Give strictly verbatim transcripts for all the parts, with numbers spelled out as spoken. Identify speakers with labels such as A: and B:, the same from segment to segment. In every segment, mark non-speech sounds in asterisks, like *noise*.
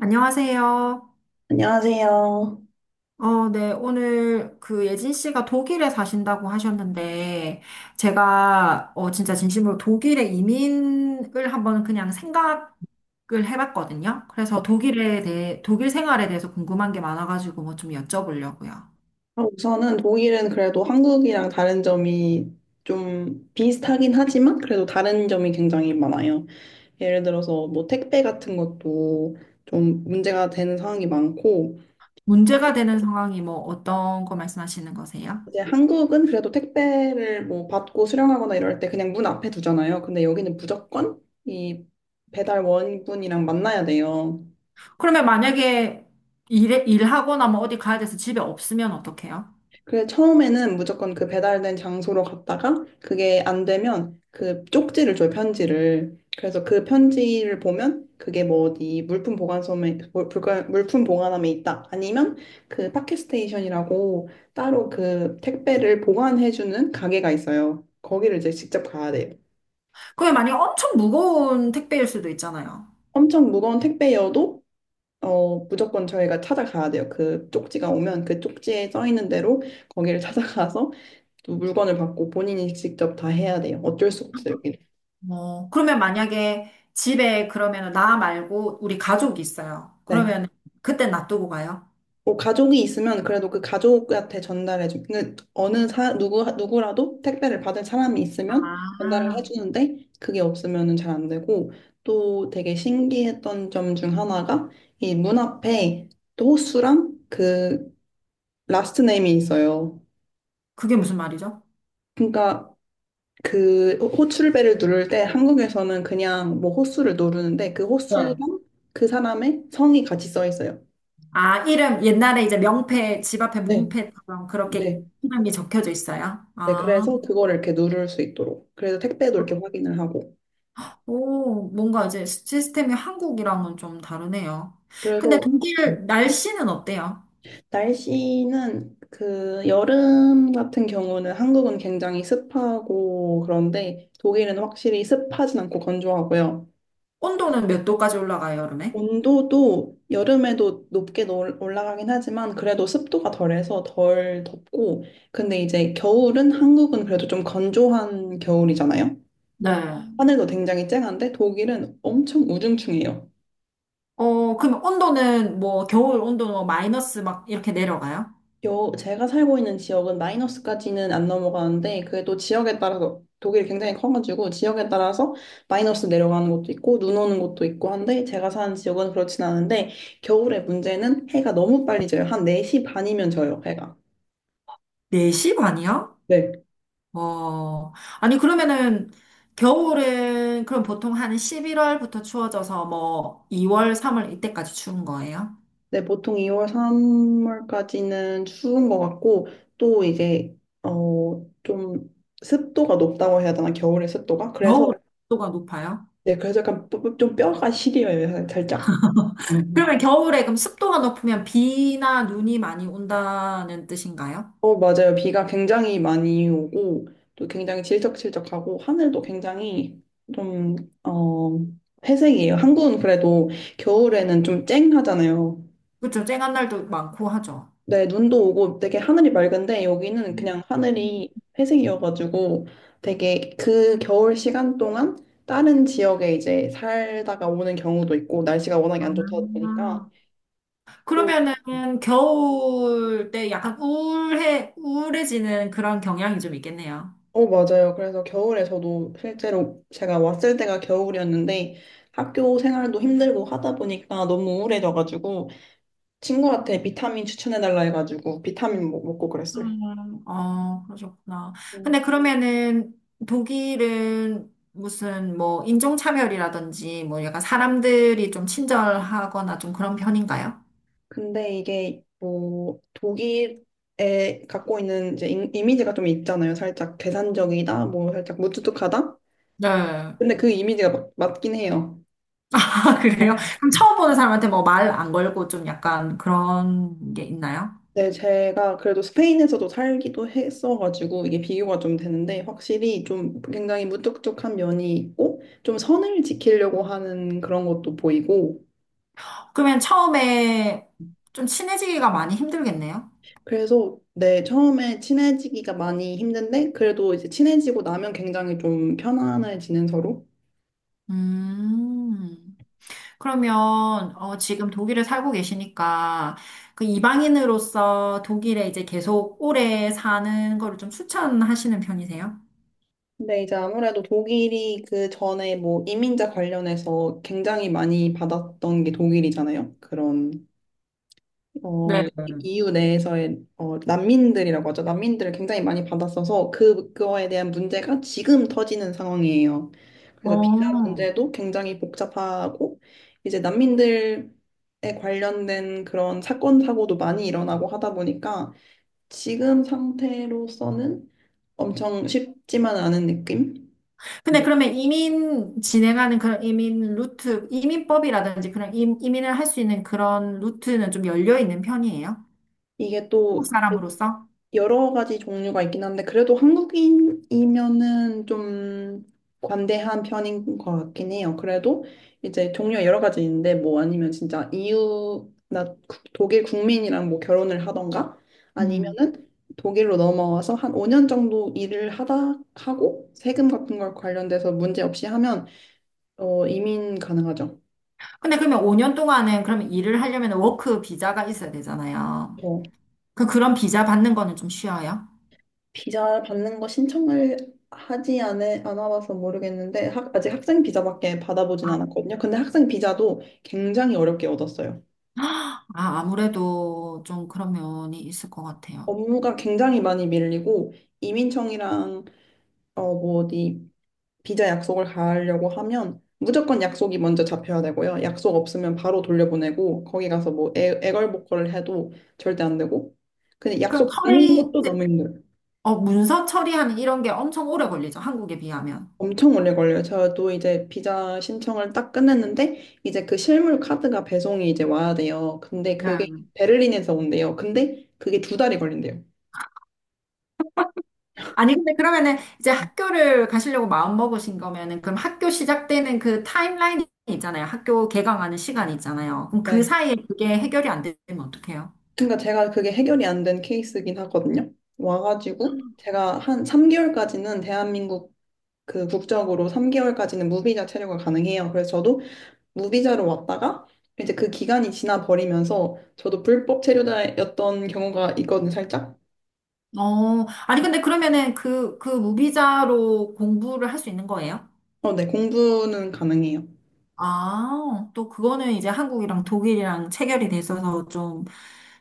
A: 안녕하세요.
B: 안녕하세요.
A: 어, 네, 오늘 그 예진 씨가 독일에 사신다고 하셨는데, 제가 어, 진짜 진심으로 독일에 이민을 한번 그냥 생각을 해봤거든요. 그래서 독일에 대해, 독일 생활에 대해서 궁금한 게 많아가지고 뭐 좀 여쭤보려고요.
B: 아, 우선은 독일은 그래도 한국이랑 다른 점이 좀 비슷하긴 하지만 그래도 다른 점이 굉장히 많아요. 예를 들어서 뭐 택배 같은 것도 좀 문제가 되는 상황이 많고
A: 문제가 되는 상황이 뭐 어떤 거 말씀하시는 거세요?
B: 이제 한국은 그래도 택배를 뭐 받고 수령하거나 이럴 때 그냥 문 앞에 두잖아요. 근데 여기는 무조건 이 배달원분이랑 만나야 돼요.
A: 그러면 만약에 일, 일하거나 뭐 어디 가야 돼서 집에 없으면 어떡해요?
B: 그래, 처음에는 무조건 그 배달된 장소로 갔다가 그게 안 되면 그 쪽지를 줘요, 편지를. 그래서 그 편지를 보면 그게 뭐 어디 물품 보관소에, 물- 물 물품 보관함에 있다. 아니면 그 파켓스테이션이라고 따로 그 택배를 보관해주는 가게가 있어요. 거기를 이제 직접 가야 돼요.
A: 그게 만약에 엄청 무거운 택배일 수도 있잖아요.
B: 엄청 무거운 택배여도 어, 무조건 저희가 찾아가야 돼요. 그 쪽지가 오면 그 쪽지에 써 있는 대로 거기를 *laughs* 찾아가서 또 물건을 받고 본인이 직접 다 해야 돼요. 어쩔 수 없어요, 여기는.
A: 어, 그러면 만약에 집에, 그러면 나 말고 우리 가족이 있어요.
B: 네.
A: 그러면 그때 놔두고 가요?
B: 뭐 가족이 있으면 그래도 그 가족한테 전달해 주 그 어느 사 누구 누구라도 택배를 받을 사람이 있으면 전달을 해
A: 아,
B: 주는데 그게 없으면은 잘 안 되고 또 되게 신기했던 점 중 하나가 이 문 앞에 또 호수랑 그 라스트 네임이 있어요.
A: 그게 무슨 말이죠?
B: 그러니까 그 호출벨을 누를 때 한국에서는 그냥 뭐 호수를 누르는데 그 호수랑
A: 네.
B: 그 사람의 성이 같이 써 있어요.
A: 아, 이름, 옛날에 이제 명패, 집 앞에
B: 네,
A: 문패처럼 그렇게
B: 네,
A: 이름이 적혀져 있어요?
B: 네.
A: 아,
B: 그래서 그거를 이렇게 누를 수 있도록. 그래서 택배도 이렇게 확인을 하고.
A: 오, 뭔가 이제 시스템이 한국이랑은 좀 다르네요. 근데
B: 그래서
A: 독일 날씨는 어때요?
B: 날씨는 그 여름 같은 경우는 한국은 굉장히 습하고 그런데 독일은 확실히 습하진 않고 건조하고요.
A: 온도는 몇 도까지 올라가요, 여름에?
B: 온도도 여름에도 높게 놀- 올라가긴 하지만 그래도 습도가 덜해서 덜 덥고 근데 이제 겨울은 한국은 그래도 좀 건조한 겨울이잖아요.
A: 네.
B: 하늘도 굉장히 쨍한데 독일은 엄청 우중충해요.
A: 어, 그럼 온도는, 뭐 겨울 온도는 뭐 마이너스 막 이렇게 내려가요?
B: 여, 제가 살고 있는 지역은 마이너스까지는 안 넘어가는데 그게 또 지역에 따라서 독일이 굉장히 커가지고 지역에 따라서 마이너스 내려가는 것도 있고 눈 오는 것도 있고 한데 제가 사는 지역은 그렇진 않은데 겨울의 문제는 해가 너무 빨리 져요. 한 네 시 반이면 져요, 해가.
A: 네시 반이요?
B: 네.
A: 어, 아니, 그러면은, 겨울은, 그럼 보통 한 십일 월부터 추워져서 뭐, 이 월, 삼 월 이때까지 추운 거예요?
B: 네, 보통 이월, 삼월까지는 추운 것 같고 또 이제 어, 좀 습도가 높다고 해야 되나? 겨울의 습도가? 그래서
A: 겨울 습도가 높아요?
B: 네, 그래서 약간 좀 뼈가 시려요, 살짝.
A: *laughs* 그러면 겨울에, 그럼 습도가 높으면 비나 눈이 많이 온다는 뜻인가요?
B: 어, 맞아요. 비가 굉장히 많이 오고, 또 굉장히 질척질척하고, 하늘도 굉장히 좀, 어, 회색이에요. 한국은 그래도 겨울에는 좀 쨍하잖아요.
A: 그렇죠. 쨍한 날도 많고 하죠.
B: 네, 눈도 오고 되게 하늘이 맑은데, 여기는
A: 음.
B: 그냥 하늘이 회색이어가지고, 되게 그 겨울 시간 동안 다른 지역에 이제 살다가 오는 경우도 있고, 날씨가 워낙에 안 좋다 보니까,
A: 아,
B: 또
A: 그러면은 겨울 때 약간 우울해, 우울해지는 그런 경향이 좀 있겠네요.
B: 어, 맞아요. 그래서 겨울에 저도 실제로 제가 왔을 때가 겨울이었는데 학교 생활도 힘들고 하다 보니까 너무 우울해져가지고 친구한테 비타민 추천해달라 해가지고 비타민 먹- 먹고 그랬어요.
A: 음, 어, 그러셨구나.
B: 음.
A: 근데 그러면은 독일은 무슨, 뭐 인종차별이라든지 뭐 약간 사람들이 좀 친절하거나 좀 그런 편인가요?
B: 근데 이게 뭐 독일에 갖고 있는 이제 이- 이미지가 좀 있잖아요. 살짝 계산적이다, 뭐 살짝 무뚝뚝하다.
A: 네. *laughs*
B: 근데 그 이미지가 맞, 맞긴 해요.
A: 아, 그래요?
B: 어.
A: 그럼 처음 보는 사람한테 뭐 말 안 걸고 좀 약간 그런 게 있나요?
B: 네, 제가 그래도 스페인에서도 살기도 했어가지고 이게 비교가 좀 되는데 확실히 좀 굉장히 무뚝뚝한 면이 있고 좀 선을 지키려고 하는 그런 것도 보이고
A: 그러면 처음에 좀 친해지기가 많이 힘들겠네요?
B: 그래서 네, 처음에 친해지기가 많이 힘든데 그래도 이제 친해지고 나면 굉장히 좀 편안해지는 서로.
A: 음. 그러면 어, 지금 독일에 살고 계시니까, 그 이방인으로서 독일에 이제 계속 오래 사는 거를 좀 추천하시는 편이세요?
B: 근데 이제 아무래도 독일이 그 전에 뭐 이민자 관련해서 굉장히 많이 받았던 게 독일이잖아요. 그런
A: 네.
B: 어, 이- 이유 내에서의 어, 난민들이라고 하죠. 난민들을 굉장히 많이 받았어서 그, 그거에 대한 문제가 지금 터지는 상황이에요. 그래서 비자
A: 어.
B: 문제도 굉장히 복잡하고 이제 난민들에 관련된 그런 사건 사고도 많이 일어나고 하다 보니까 지금 상태로서는 엄청 쉽지만 않은 느낌?
A: 근데
B: 음.
A: 그러면 이민 진행하는, 그런 이민 루트, 이민법이라든지 그런 임, 이민을 할 수 있는 그런 루트는 좀 열려 있는 편이에요?
B: 이게
A: 한국
B: 또
A: 사람으로서?
B: 여러 가지 종류가 있긴 한데 그래도 한국인이면은 좀 관대한 편인 것 같긴 해요. 그래도 이제 종류가 여러 가지 있는데 뭐 아니면 진짜 이유 나 구- 독일 국민이랑 뭐 결혼을 하던가
A: 음.
B: 아니면은 독일로 넘어와서 한 오 년 정도 일을 하다 하고 세금 같은 걸 관련돼서 문제 없이 하면 어 이민 가능하죠.
A: 근데 그러면 오 년 동안은, 그러면 일을 하려면 워크 비자가 있어야 되잖아요. 그 그런 비자 받는 거는 좀 쉬워요?
B: 비자 받는 거 신청을 하지 않, 않아봐서 모르겠는데 학, 아직 학생 비자밖에 받아보진 않았거든요. 근데 학생 비자도 굉장히 어렵게 얻었어요.
A: 아, 아무래도 좀 그런 면이 있을 것 같아요.
B: 업무가 굉장히 많이 밀리고 이민청이랑 어, 뭐 어디 비자 약속을 가려고 하면 무조건 약속이 먼저 잡혀야 되고요. 약속 없으면 바로 돌려보내고 거기 가서 뭐 애, 애걸복걸을 해도 절대 안 되고 근데
A: 그럼
B: 약속 잡는
A: 처리,
B: 것도 너무 힘들어요.
A: 어, 문서 처리하는 이런 게 엄청 오래 걸리죠. 한국에 비하면.
B: 엄청 오래 걸려요. 저도 이제 비자 신청을 딱 끝냈는데 이제 그 실물 카드가 배송이 이제 와야 돼요. 근데 그게
A: 네.
B: 베를린에서 온대요. 근데 그게 두 달이 걸린대요.
A: 아니, 근데 그러면은 이제 학교를 가시려고 마음 먹으신 거면은, 그럼 학교 시작되는 그 타임라인이 있잖아요. 학교 개강하는 시간 있잖아요. 그럼 그
B: 네.
A: 사이에 그게 해결이 안 되면 어떡해요?
B: 그러니까 제가 그게 해결이 안 된 케이스긴 하거든요. 와가지고 제가 한 삼 개월까지는 대한민국 그 국적으로 삼 개월까지는 무비자 체류가 가능해요. 그래서 저도 무비자로 왔다가 이제 그 기간이 지나 버리면서 저도 불법 체류자였던 경우가 있거든요, 살짝.
A: 어, 아니, 근데 그러면은 그, 그 무비자로 공부를 할 수 있는 거예요?
B: 어, 네, 공부는 가능해요.
A: 아, 또 그거는 이제 한국이랑 독일이랑 체결이 돼 있어서 좀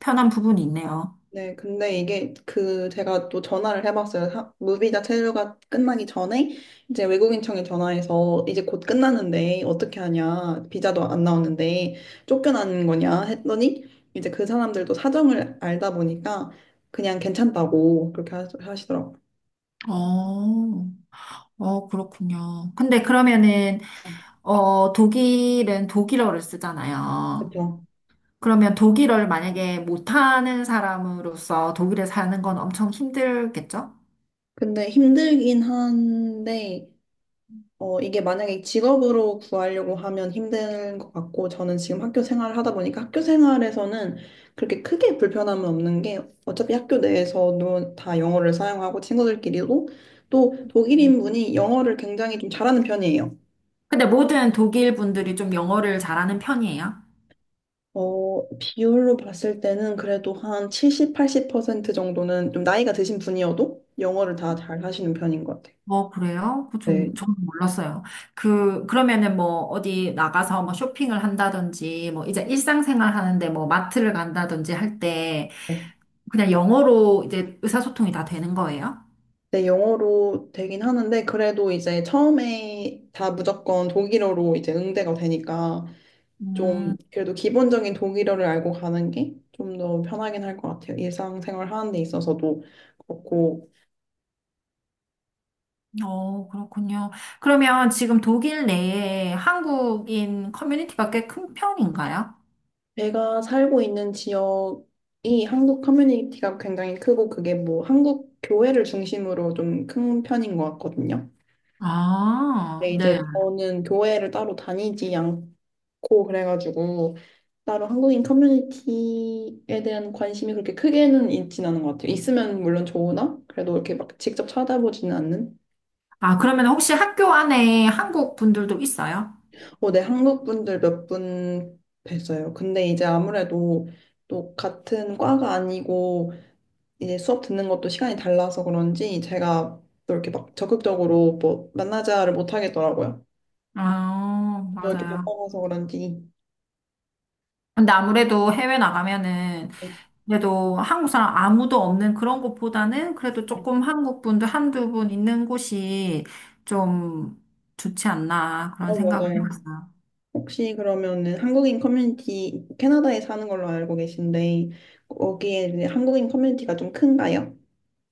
A: 편한 부분이 있네요.
B: 네, 근데 이게 그 제가 또 전화를 해봤어요. 사- 무비자 체류가 끝나기 전에 이제 외국인청에 전화해서 이제 곧 끝나는데 어떻게 하냐, 비자도 안 나오는데 쫓겨나는 거냐 했더니 이제 그 사람들도 사정을 알다 보니까 그냥 괜찮다고 그렇게 하- 하시더라고요.
A: 어, 어, 그렇군요. 근데 그러면은,
B: 네,
A: 어, 독일은 독일어를 쓰잖아요.
B: 그렇죠.
A: 그러면 독일어를 만약에 못하는 사람으로서 독일에 사는 건 엄청 힘들겠죠?
B: 근데 힘들긴 한데 어, 이게 만약에 직업으로 구하려고 하면 힘든 것 같고, 저는 지금 학교 생활을 하다 보니까 학교 생활에서는 그렇게 크게 불편함은 없는 게, 어차피 학교 내에서도 다 영어를 사용하고 친구들끼리도 또 독일인분이 영어를 굉장히 좀 잘하는 편이에요.
A: 근데 모든 독일 분들이 좀 영어를 잘하는 편이에요.
B: 어, 비율로 봤을 때는 그래도 한 칠십, 팔십 퍼센트 정도는 좀 나이가 드신 분이어도 영어를 다 잘 하시는 편인 것 같아요.
A: 어, 그래요? 그 좀, 저는 몰랐어요. 그, 그러면은 뭐, 어디 나가서 뭐 쇼핑을 한다든지, 뭐, 이제 일상생활 하는데, 뭐, 마트를 간다든지 할 때,
B: 네.
A: 그냥 영어로 이제 의사소통이 다 되는 거예요?
B: 네, 영어로 되긴 하는데, 그래도 이제 처음에 다 무조건 독일어로 이제 응대가 되니까, 좀,
A: 음,
B: 그래도 기본적인 독일어를 알고 가는 게 좀 더 편하긴 할 것 같아요. 일상생활 하는 데 있어서도 그렇고,
A: 어, 그렇군요. 그러면 지금 독일 내에 한국인 커뮤니티가 꽤 큰 편인가요?
B: 제가 살고 있는 지역이 한국 커뮤니티가 굉장히 크고, 그게 뭐 한국 교회를 중심으로 좀 큰 편인 것 같거든요.
A: 아,
B: 근데
A: 네.
B: 이제 저는 교회를 따로 다니지 않고, 고 그래가지고 따로 한국인 커뮤니티에 대한 관심이 그렇게 크게는 있진 않은 것 같아요. 있으면 물론 좋으나 그래도 이렇게 막 직접 찾아보지는 않는.
A: 아, 그러면 혹시 학교 안에 한국 분들도 있어요?
B: 어, 네, 한국 분들 몇 분 뵀어요. 근데 이제 아무래도 또 같은 과가 아니고 이제 수업 듣는 것도 시간이 달라서 그런지 제가 또 이렇게 막 적극적으로 뭐 만나자를 못 하겠더라고요.
A: 아,
B: 또 이렇게
A: 맞아요.
B: 바빠서 그런지.
A: 근데 아무래도 해외 나가면은,
B: 네.
A: 그래도 한국 사람 아무도 없는 그런 곳보다는 그래도
B: 네.
A: 조금 한국 분들 한두 분 있는 곳이 좀 좋지 않나 그런
B: 어,
A: 생각을
B: 맞아요.
A: 해봤어요.
B: 혹시 그러면은 한국인 커뮤니티 캐나다에 사는 걸로 알고 계신데 거기에 이제 한국인 커뮤니티가 좀 큰가요?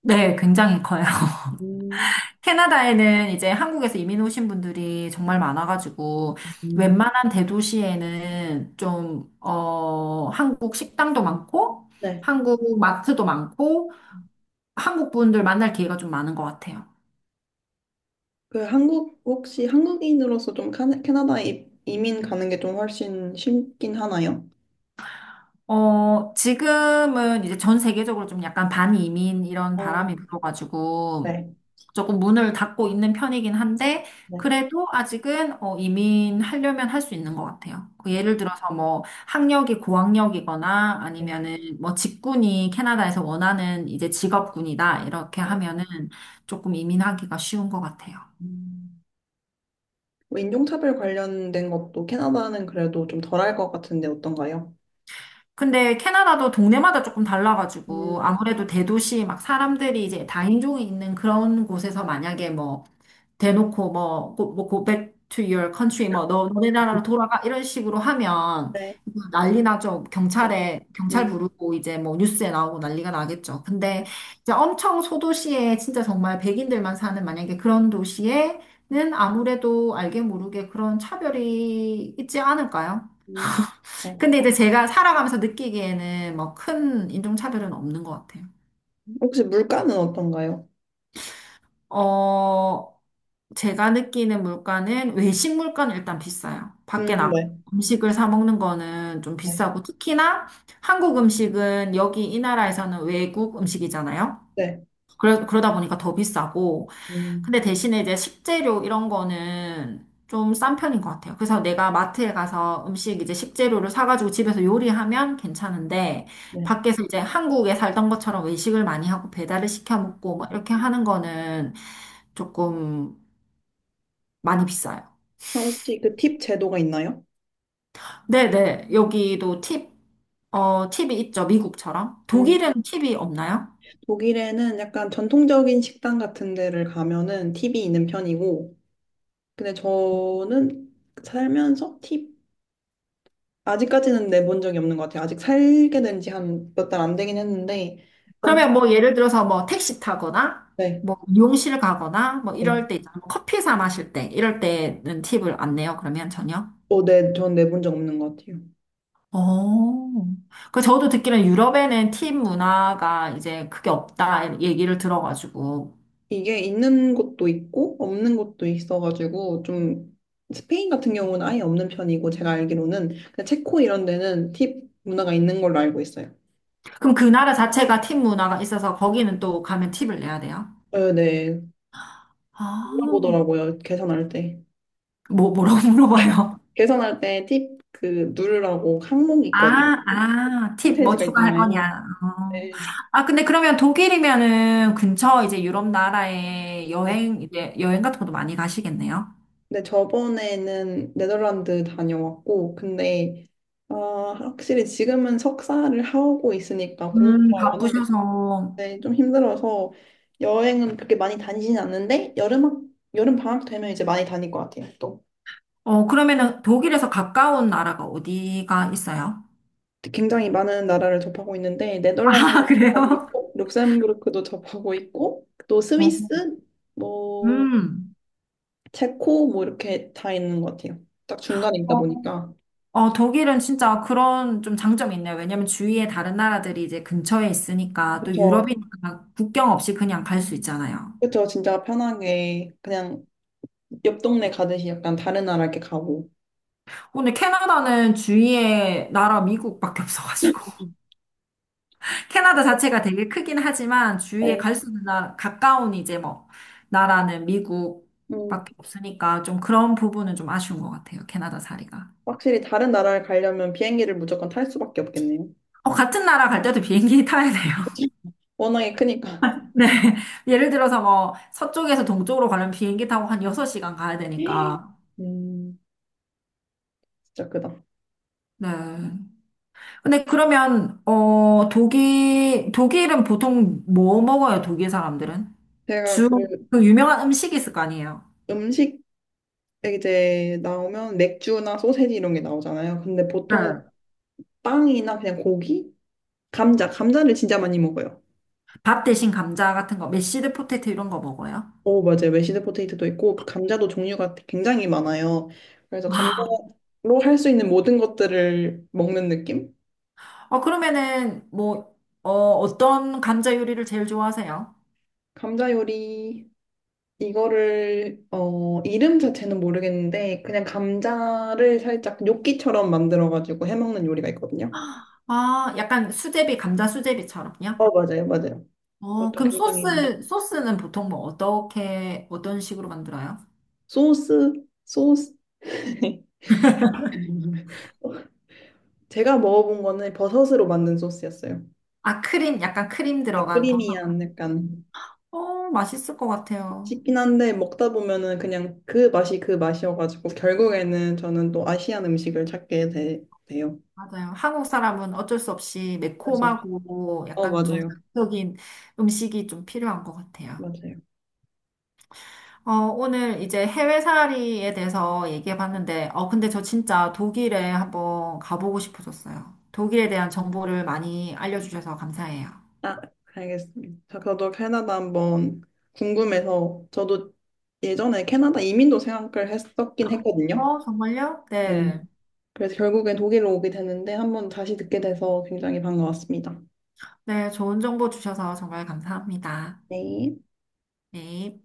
A: 네, 굉장히 커요. *laughs*
B: 음,
A: 캐나다에는 이제 한국에서 이민 오신 분들이 정말 많아가지고
B: 음.
A: 웬만한 대도시에는 좀, 어, 한국 식당도 많고
B: 네.
A: 한국 마트도 많고 한국 분들 만날 기회가 좀 많은 것 같아요.
B: 그 한국 혹시 한국인으로서 좀 카나- 캐나다에 이- 이민 가는 게 좀 훨씬 쉽긴 하나요?
A: 어, 지금은 이제 전 세계적으로 좀 약간 반이민 이런
B: 어,
A: 바람이 불어가지고
B: 네,
A: 조금 문을 닫고 있는 편이긴 한데,
B: 네,
A: 그래도 아직은 어, 이민하려면 할 수 있는 것 같아요. 그
B: 음,
A: 예를 들어서 뭐 학력이 고학력이거나
B: 네,
A: 아니면은 뭐 직군이 캐나다에서 원하는 이제 직업군이다 이렇게
B: 네.
A: 하면은 조금 이민하기가 쉬운 것 같아요.
B: 음, 뭐 인종차별 관련된 것도 캐나다는 그래도 좀 덜할 것 같은데 어떤가요?
A: 근데 캐나다도 동네마다 조금 달라가지고,
B: 음,
A: 아무래도 대도시 막 사람들이 이제 다인종이 있는 그런 곳에서 만약에 뭐 대놓고 뭐, 고, 뭐 go back to your country, 뭐 너, 너네 나라로 돌아가, 이런 식으로 하면
B: 네,
A: 이거 난리 나죠.
B: 그래서,
A: 경찰에 경찰
B: 음,
A: 부르고 이제 뭐 뉴스에 나오고 난리가 나겠죠.
B: 네,
A: 근데 이제 엄청 소도시에, 진짜 정말 백인들만 사는 만약에 그런 도시에는 아무래도 알게 모르게 그런 차별이 있지 않을까요?
B: 음, 네.
A: 근데 이제 제가 살아가면서 느끼기에는 뭐 큰 인종차별은 없는 것 같아요.
B: 혹시 물가는 어떤가요?
A: 어, 제가 느끼는 물가는, 외식 물가는 일단 비싸요.
B: 음,
A: 밖에 나가
B: 네,
A: 음식을 사 먹는 거는 좀
B: 네,
A: 비싸고, 특히나 한국 음식은 여기 이 나라에서는 외국 음식이잖아요.
B: 네,
A: 그러, 그러다 보니까 더 비싸고.
B: 음,
A: 근데 대신에 이제 식재료 이런 거는 좀 싼 편인 것 같아요. 그래서 내가 마트에 가서 음식, 이제 식재료를 사가지고 집에서 요리하면 괜찮은데,
B: 네.
A: 밖에서 이제 한국에 살던 것처럼 외식을 많이 하고 배달을 시켜
B: 음,
A: 먹고 뭐 이렇게 하는 거는 조금 많이 비싸요.
B: 그럼 혹시 그 팁 제도가 있나요?
A: 네네. 여기도 팁, 어, 팁이 있죠. 미국처럼.
B: 음,
A: 독일은 팁이 없나요?
B: 독일에는 약간 전통적인 식당 같은 데를 가면은 팁이 있는 편이고, 근데 저는 살면서 팁 아직까지는 내본 적이 없는 것 같아요. 아직 살게 된지 한 몇 달 안 되긴 했는데, 엄청,
A: 그러면 뭐 예를 들어서 뭐 택시 타거나
B: 네,
A: 뭐 미용실 가거나 뭐
B: 네.
A: 이럴 때 있잖아. 뭐 커피 사 마실 때 이럴 때는 팁을 안 내요, 그러면 전혀?
B: 어, 네, 전 내본 적 없는 것 같아요.
A: 어. 그 저도 듣기로는 유럽에는 팁 문화가 이제 크게 없다 얘기를 들어가지고.
B: 이게 있는 곳도 있고 없는 곳도 있어가지고 좀 스페인 같은 경우는 아예 없는 편이고 제가 알기로는 그냥 체코 이런 데는 팁 문화가 있는 걸로 알고 있어요.
A: 그럼 그 나라 자체가 팁 문화가 있어서 거기는 또 가면 팁을 내야 돼요?
B: 네, 네.
A: 아.
B: 물어보더라고요. 계산할 때.
A: 뭐 뭐라고 *laughs* 물어봐요?
B: 계산할 때 팁 그 누르라고 항목이 있거든요.
A: 아, 아, 팁 뭐
B: 홈페이지가
A: 추가할
B: 있잖아요.
A: 거냐. 어.
B: 네.
A: 아, 근데 그러면 독일이면은 근처 이제 유럽 나라에
B: 네.
A: 여행, 이제 여행 같은 것도 많이 가시겠네요.
B: 근데 저번에는 네덜란드 다녀왔고 근데 아, 확실히 지금은 석사를 하고 있으니까
A: 음,
B: 공부가 워낙에
A: 바쁘셔서.
B: 네, 좀 힘들어서 여행은 그렇게 많이 다니지는 않는데 여름 학- 여름 방학 되면 이제 많이 다닐 것 같아요. 또
A: 어, 그러면은 독일에서 가까운 나라가 어디가 있어요?
B: 굉장히 많은 나라를 접하고 있는데
A: *laughs* 아,
B: 네덜란드도 접하고
A: 그래요?
B: 있고 룩셈부르크도 접하고 있고 또 스위스
A: 어.
B: 뭐
A: 음.
B: 체코 뭐 이렇게 다 있는 것 같아요. 딱 중간에 있다
A: 어,
B: 보니까
A: 어, 독일은 진짜 그런 좀 장점이 있네요. 왜냐면 주위에 다른 나라들이 이제 근처에 있으니까, 또
B: 그렇죠,
A: 유럽이니까 국경 없이 그냥 갈 수 있잖아요.
B: 그렇죠. 진짜 편하게 그냥 옆 동네 가듯이 약간 다른 나라 이렇게 가고.
A: 근데 캐나다는 주위에 나라 미국밖에 없어가지고 *laughs* 캐나다 자체가 되게 크긴 하지만 주위에
B: 네,
A: 갈 수 있는 나라, 가까운 이제 뭐 나라는
B: 음,
A: 미국밖에 없으니까, 좀 그런 부분은 좀 아쉬운 것 같아요, 캐나다 자리가.
B: 확실히 다른 나라를 가려면 비행기를 무조건 탈 수밖에 없겠네요.
A: 어, 같은 나라 갈 때도 비행기 타야 돼요.
B: *laughs* 워낙에 크니까.
A: *laughs* 네. 예를 들어서 뭐 서쪽에서 동쪽으로 가려면 비행기 타고 한 여섯 시간 가야 되니까.
B: *gasps* 음, 진짜 크다.
A: 네. 근데 그러면 어 독일 독일은 보통 뭐 먹어요, 독일 사람들은?
B: 제가
A: 주,
B: 그
A: 그 유명한 음식이 있을 거 아니에요.
B: 음식 이제 나오면 맥주나 소세지 이런 게 나오잖아요. 근데 보통
A: 네.
B: 빵이나 그냥 고기? 감자, 감자를 진짜 많이 먹어요.
A: 밥 대신 감자 같은 거, 메시드 포테이토 이런 거 먹어요.
B: 오, 맞아요. 메시드 포테이토도 있고, 그 감자도 종류가 굉장히 많아요. 그래서 감자로
A: 와.
B: 할 수 있는 모든 것들을 먹는 느낌?
A: 어, 그러면은, 뭐, 어, 어떤 감자 요리를 제일 좋아하세요?
B: 감자 요리, 이거를, 어, 이름 자체는 모르겠는데, 그냥 감자를 살짝 요끼처럼 만들어가지고 해먹는 요리가 있거든요.
A: 아, 약간 수제비, 감자 수제비처럼요?
B: 어, 맞아요, 맞아요.
A: 어,
B: 그것도
A: 그럼
B: 굉장히 맛있-
A: 소스, 소스는 보통 뭐, 어떻게, 어떤 식으로 만들어요?
B: 소스, 소스. *laughs* 제가 먹어본 거는 버섯으로 만든 소스였어요.
A: 아, 크림, 약간 크림
B: 네,
A: 들어간 버섯.
B: 크리미한 약간
A: 어, 맛있을 것 같아요.
B: 씹긴 한데 먹다 보면은 그냥 그 맛이 그 맛이어가지고 결국에는 저는 또 아시안 음식을 찾게 되, 돼요.
A: 맞아요. 한국 사람은 어쩔 수 없이
B: 그래서
A: 매콤하고
B: 어
A: 약간 좀
B: 맞아요,
A: 자극적인 음식이 좀 필요한 것 같아요.
B: 맞아요.
A: 어, 오늘 이제 해외 살이에 대해서 얘기해 봤는데, 어, 근데 저 진짜 독일에 한번 가보고 싶어졌어요. 독일에 대한 정보를 많이 알려주셔서 감사해요.
B: 아, 알겠습니다. 저- 저도 캐나다 한번 궁금해서 저도 예전에 캐나다 이민도 생각을 했었긴 했거든요.
A: 어, 정말요?
B: 네.
A: 네.
B: 그래서 결국엔 독일로 오게 되는데 한번 다시 듣게 돼서 굉장히 반가웠습니다.
A: 네, 좋은 정보 주셔서 정말 감사합니다.
B: 네.
A: 네.